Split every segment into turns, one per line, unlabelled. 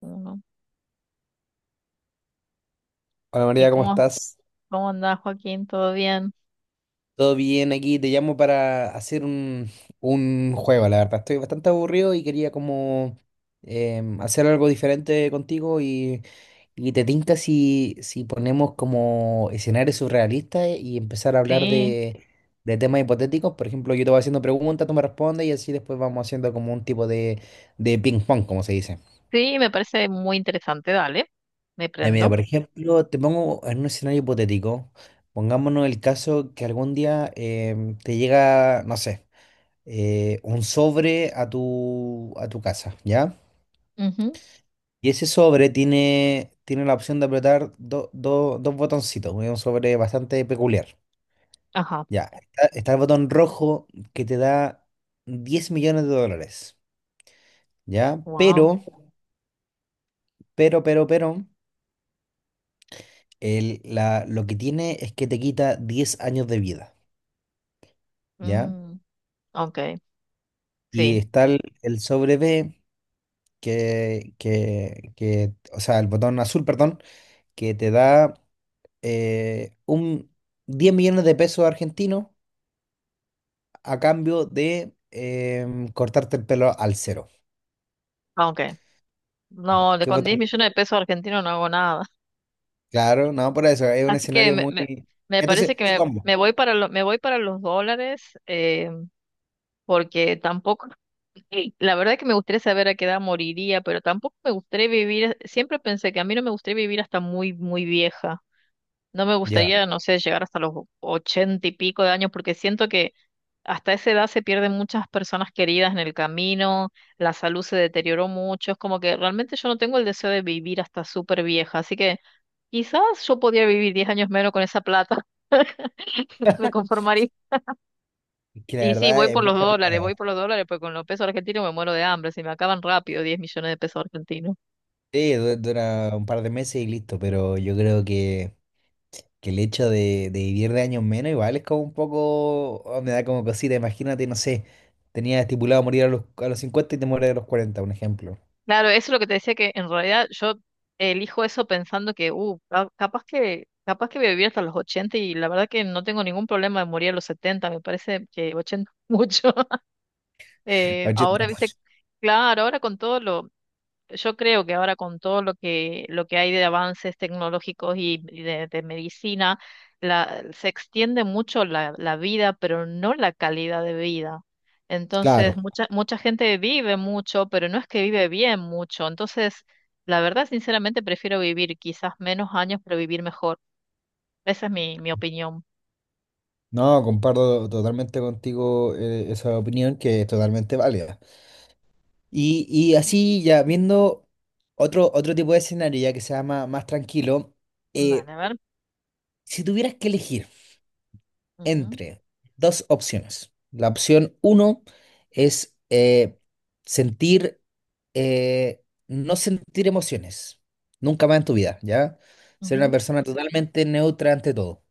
Ujú.
Hola
¿Y
María, ¿cómo
cómo,
estás?
cómo andás, Joaquín? ¿Todo bien?
¿Todo bien aquí? Te llamo para hacer un juego, la verdad. Estoy bastante aburrido y quería como hacer algo diferente contigo y te tinca si ponemos como escenarios surrealistas y empezar a hablar
Sí,
de temas hipotéticos. Por ejemplo, yo te voy haciendo preguntas, tú me respondes y así después vamos haciendo como un tipo de ping pong, como se dice.
sí, me parece muy interesante. Dale, me
Ya mira,
prendo.
por ejemplo, te pongo en un escenario hipotético. Pongámonos el caso que algún día te llega, no sé, un sobre a tu casa, ¿ya?
Ujú.
Y ese sobre tiene la opción de apretar dos botoncitos, es un sobre bastante peculiar.
Ajá,
Ya, está el botón rojo que te da 10 millones de dólares, ¿ya?
wow.
Pero lo que tiene es que te quita 10 años de vida, ¿ya?
Mm, ok,
Y
sí,
está el sobre B o sea, el botón azul, perdón, que te da un 10 millones de pesos argentinos a cambio de cortarte el pelo al cero.
ah, ok.
Ya,
No, de
¿qué
con diez
botón?
millones de pesos argentinos no hago nada.
Claro, no, por eso, es un
Así que
escenario
me, me,
muy...
me parece
Entonces,
que me,
subamos.
me voy para me voy para los dólares, porque tampoco, y la verdad que me gustaría saber a qué edad moriría, pero tampoco me gustaría vivir, siempre pensé que a mí no me gustaría vivir hasta muy, muy vieja. No me
Ya.
gustaría, no sé, llegar hasta los ochenta y pico de años, porque siento que hasta esa edad se pierden muchas personas queridas en el camino, la salud se deterioró mucho, es como que realmente yo no tengo el deseo de vivir hasta súper vieja, así que quizás yo podría vivir 10 años menos con esa plata, me
Es
conformaría.
Que la
Y sí, voy
verdad es
por los
mucha
dólares, voy
plata.
por los dólares, porque con los pesos argentinos me muero de hambre, se me acaban rápido 10 millones de pesos argentinos.
Sí, dura un par de meses y listo, pero yo creo que el hecho de vivir de años menos igual es como un poco, oh, me da como cosita, imagínate, no sé, tenía estipulado morir a los 50 y te mueres a los 40 un ejemplo.
Claro, eso es lo que te decía que en realidad yo elijo eso pensando que, capaz que voy a vivir hasta los 80 y la verdad que no tengo ningún problema de morir a los 70, me parece que 80 mucho. Ahora,
80.
viste, claro, ahora con todo lo, yo creo que ahora con todo lo que hay de avances tecnológicos y de medicina, se extiende mucho la vida, pero no la calidad de vida.
Claro,
Entonces, mucha, mucha gente vive mucho, pero no es que vive bien mucho. Entonces, la verdad, sinceramente, prefiero vivir quizás menos años, pero vivir mejor. Esa es mi opinión.
no, comparto totalmente contigo esa opinión que es totalmente válida. Y así ya viendo otro tipo de escenario ya que sea más tranquilo,
Dale,
eh,
a ver.
si tuvieras que elegir
Ujú,
entre dos opciones. La opción uno es sentir no sentir emociones, nunca más en tu vida, ¿ya? Ser una
ujú,
persona totalmente neutra ante todo.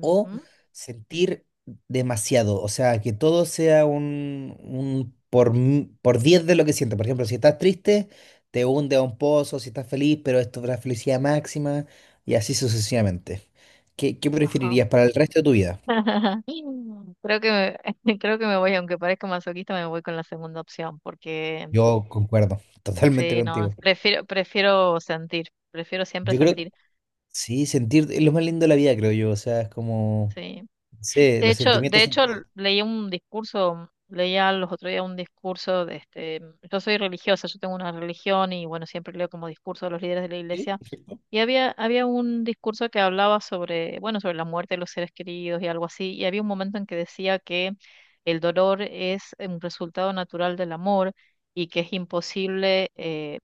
O sentir demasiado, o sea, que todo sea un por 10 de lo que sientes. Por ejemplo, si estás triste, te hunde a un pozo, si estás feliz, pero esto es la felicidad máxima y así sucesivamente. ¿Qué, qué
ajá.
preferirías para el resto de tu vida?
Creo que me, creo que me voy, aunque parezca masoquista, me voy con la segunda opción, porque
Yo concuerdo totalmente
sí, no,
contigo.
prefiero, prefiero sentir, prefiero siempre
Yo creo,
sentir,
sí, sentir es lo más lindo de la vida, creo yo, o sea, es como...
sí.
Sí, los
De
sentimientos son...
hecho, leí un discurso, leía los otros días un discurso de este, yo soy religiosa, yo tengo una religión y bueno, siempre leo como discurso de los líderes de la
¿Sí?
iglesia. Y había un discurso que hablaba sobre, bueno, sobre la muerte de los seres queridos y algo así, y había un momento en que decía que el dolor es un resultado natural del amor y que es imposible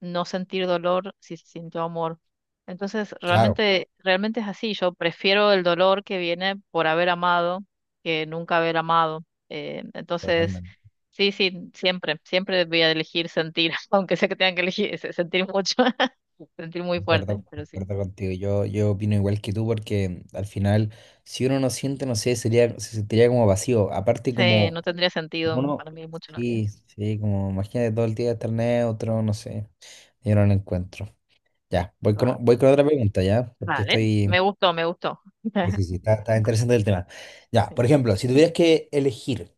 no sentir dolor si se sintió amor. Entonces,
Claro,
realmente es así. Yo prefiero el dolor que viene por haber amado que nunca haber amado. Entonces,
totalmente.
sí, sí, siempre, siempre voy a elegir sentir, aunque sé que tengan que elegir sentir mucho sentir muy fuerte,
Concuerdo,
pero sí.
concuerdo contigo. Yo opino igual que tú porque al final, si uno no siente, no sé, sería, se sentiría como vacío. Aparte
Sí,
como,
no tendría
como
sentido
uno,
para mí mucho en la vida.
sí, sí, como imagínate todo el día estar neutro, no sé. Yo no lo encuentro. Ya,
Va-
voy con otra pregunta, ¿ya? Porque
Vale,
estoy...
me gustó, me gustó.
Sí, sí, sí, está interesante el tema. Ya, por
Sí.
ejemplo, si tuvieras que elegir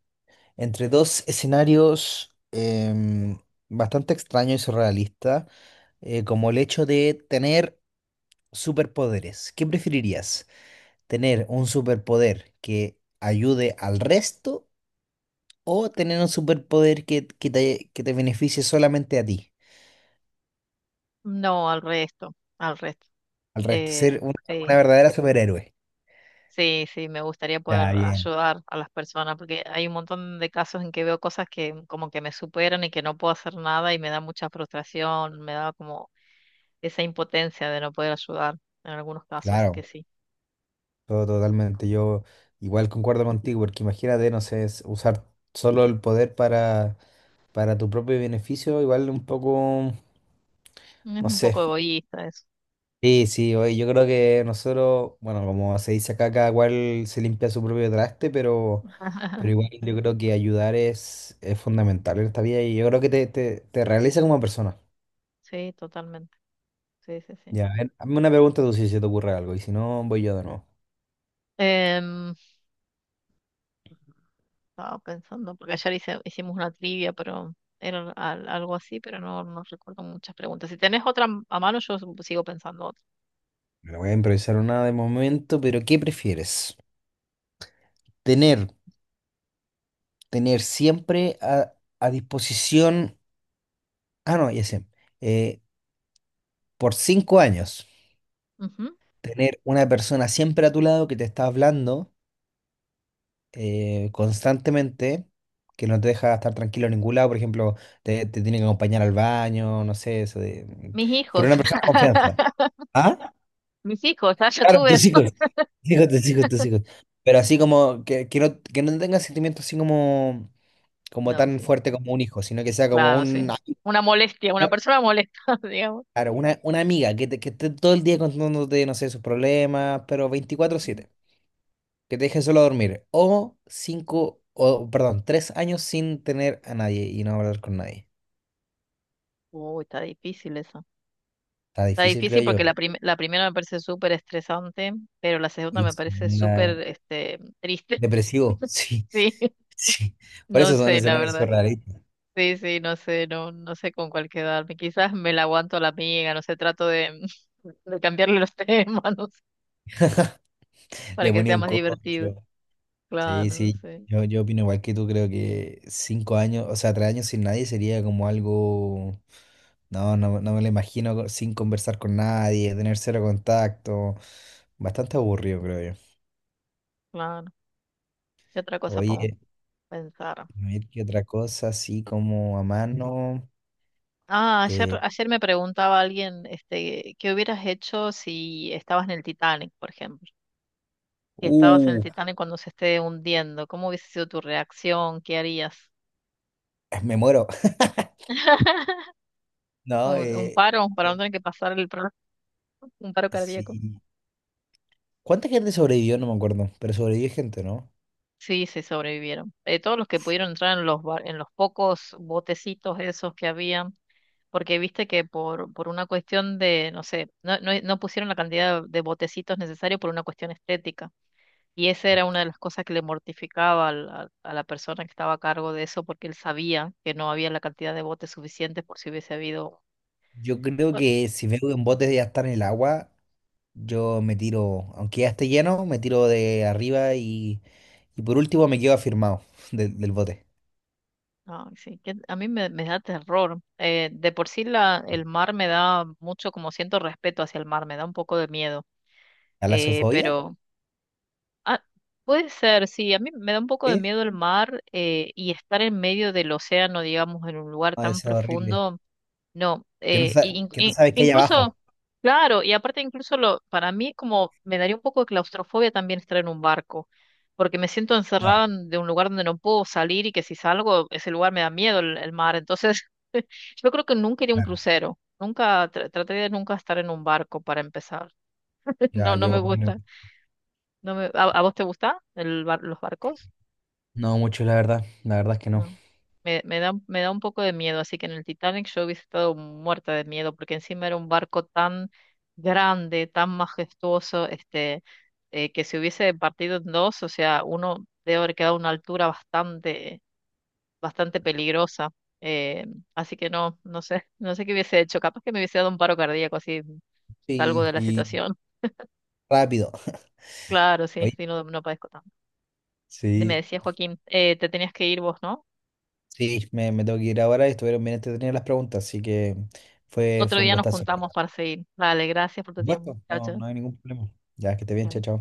entre dos escenarios bastante extraños y surrealistas, como el hecho de tener superpoderes. ¿Qué preferirías? ¿Tener un superpoder que ayude al resto o tener un superpoder que te beneficie solamente a ti,
No, al resto, al resto.
al resto?
Eh,
Ser una
sí,
verdadera superhéroe.
sí, sí, me gustaría
Ya,
poder
bien,
ayudar a las personas porque hay un montón de casos en que veo cosas que como que me superan y que no puedo hacer nada y me da mucha frustración, me da como esa impotencia de no poder ayudar en algunos casos, así que
claro,
sí.
todo totalmente. Yo igual concuerdo contigo, porque imagínate, no sé, es usar solo el poder para tu propio beneficio, igual un poco,
Es
no
un
sé.
poco egoísta eso.
Sí, sí, oye, yo creo que nosotros, bueno, como se dice acá, cada cual se limpia su propio traste, pero igual yo creo que ayudar es fundamental en esta vida y yo creo que te realiza como persona.
Sí, totalmente. Sí, sí, sí.
Ya, a ver, hazme una pregunta tú si se te ocurre algo y si no, voy yo de nuevo.
Em, estaba pensando, porque ayer hicimos una trivia, pero era algo así, pero no recuerdo muchas preguntas. Si tenés otra a mano, yo sigo pensando otra.
Me la voy a improvisar una de momento, pero ¿qué prefieres? Tener, Tener siempre a disposición, ah, no, ya sé, eh, por 5 años,
Ujú.
tener una persona siempre a tu lado que te está hablando constantemente que no te deja estar tranquilo en ningún lado, por ejemplo, te tiene que acompañar al baño, no sé, eso de...
Mis
Pero
hijos.
una persona de confianza. ¿Ah?
Mis hijos, ah, ya
Claro,
tuve
tus
eso.
hijos. Tus hijos, tus hijos, tus hijos. Pero así como que no tenga sentimientos así como, como
No,
tan
sí.
fuerte como un hijo, sino que sea como
Claro,
un...
sí. Una molestia, una persona molesta, digamos.
Claro, una amiga que esté todo el día contándote, no sé, sus problemas, pero veinticuatro
Ujú.
siete que te dejen solo a dormir. O perdón, 3 años sin tener a nadie y no hablar con nadie.
Uy, está difícil eso.
Está
Está
difícil, creo
difícil porque
yo.
la primera me parece súper estresante, pero la segunda
La
me parece súper
segunda,
este, triste.
depresivo, sí,
Sí,
sí. Por
no
eso son
sé, la
escenarios
verdad.
surrealistas.
Sí, sí, no sé, no sé con cuál quedarme. Quizás me la aguanto a la amiga, no sé, trato de, de cambiarle los temas, no sé, para
Le
que
ponía
sea
un
más divertido.
corcho. Sí,
Claro, no
sí.
sé,
Yo opino igual que tú, creo que cinco años, o sea, 3 años sin nadie sería como algo. No, no, no me lo imagino co- sin conversar con nadie, tener cero contacto. Bastante aburrido, creo yo.
claro. ¿Qué otra cosa podemos
Oye.
pensar?
A ver, ¿qué otra cosa así como a mano?
Ah, ayer,
Eh,
ayer me preguntaba alguien, este, ¿qué hubieras hecho si estabas en el Titanic, por ejemplo? Si estabas en el
uh,
Titanic cuando se esté hundiendo, ¿cómo hubiese sido tu reacción? ¿Qué harías?
Me muero. No,
¿Un paro para no
con-
tener que pasar el, un paro cardíaco?
sí. ¿Cuánta gente sobrevivió? No me acuerdo, pero sobrevivió gente, ¿no?
Sí, sí, sobrevivieron. Todos los que pudieron entrar en los pocos botecitos esos que había, porque viste que por una cuestión de, no sé, no pusieron la cantidad de botecitos necesarios por una cuestión estética. Y esa era una de las cosas que le mortificaba a la persona que estaba a cargo de eso, porque él sabía que no había la cantidad de botes suficientes por si hubiese habido...
Yo creo
Bueno,
que si veo que un bote ya está en el agua, yo me tiro, aunque ya esté lleno, me tiro de arriba y por último me quedo afirmado del bote.
no, sí, que a mí me da terror. De por sí el mar me da mucho, como siento respeto hacia el mar, me da un poco de miedo
¿Talasofobia?
pero ah, puede ser, sí, a mí me da un poco de
Sí.
miedo el mar y estar en medio del océano, digamos, en un lugar
No,
tan
es horrible.
profundo, no, y
Que no sabes qué hay
incluso,
abajo.
claro, y aparte incluso lo, para mí como me daría un poco de claustrofobia también estar en un barco, porque me siento
Ya,
encerrada en- de un lugar donde no puedo salir y que si salgo, ese lugar me da miedo el mar, entonces yo creo que nunca iría a un
claro.
crucero. Nunca, traté de nunca estar en un barco para empezar.
Ya,
No, no
yo
me
opino.
gusta. No me, ¿A vos te gusta los barcos?
No mucho, la verdad. La verdad es que no.
No. Me, me da un poco de miedo, así que en el Titanic yo hubiese estado muerta de miedo, porque encima era un barco tan grande, tan majestuoso, este, que si hubiese partido en dos, o sea, uno debe haber quedado a una altura bastante, bastante peligrosa. eh, así que no, no sé, no sé qué hubiese hecho. Capaz que me hubiese dado un paro cardíaco, así salgo
Sí,
de la
y
situación.
rápido.
Claro, sí,
Oye,
sí, no, no padezco tanto. Me
sí,
decía Joaquín, te tenías que ir vos, ¿no?
sí, me tengo que ir ahora y estuvieron bien entretenidas las preguntas, así que
Otro
fue un
día nos
gustazo. La
juntamos
verdad.
para seguir. Dale, gracias por tu
Un
tiempo.
gusto,
Chao,
no,
chao.
no hay ningún problema. Ya, que esté bien, chao,
Chao.
chao.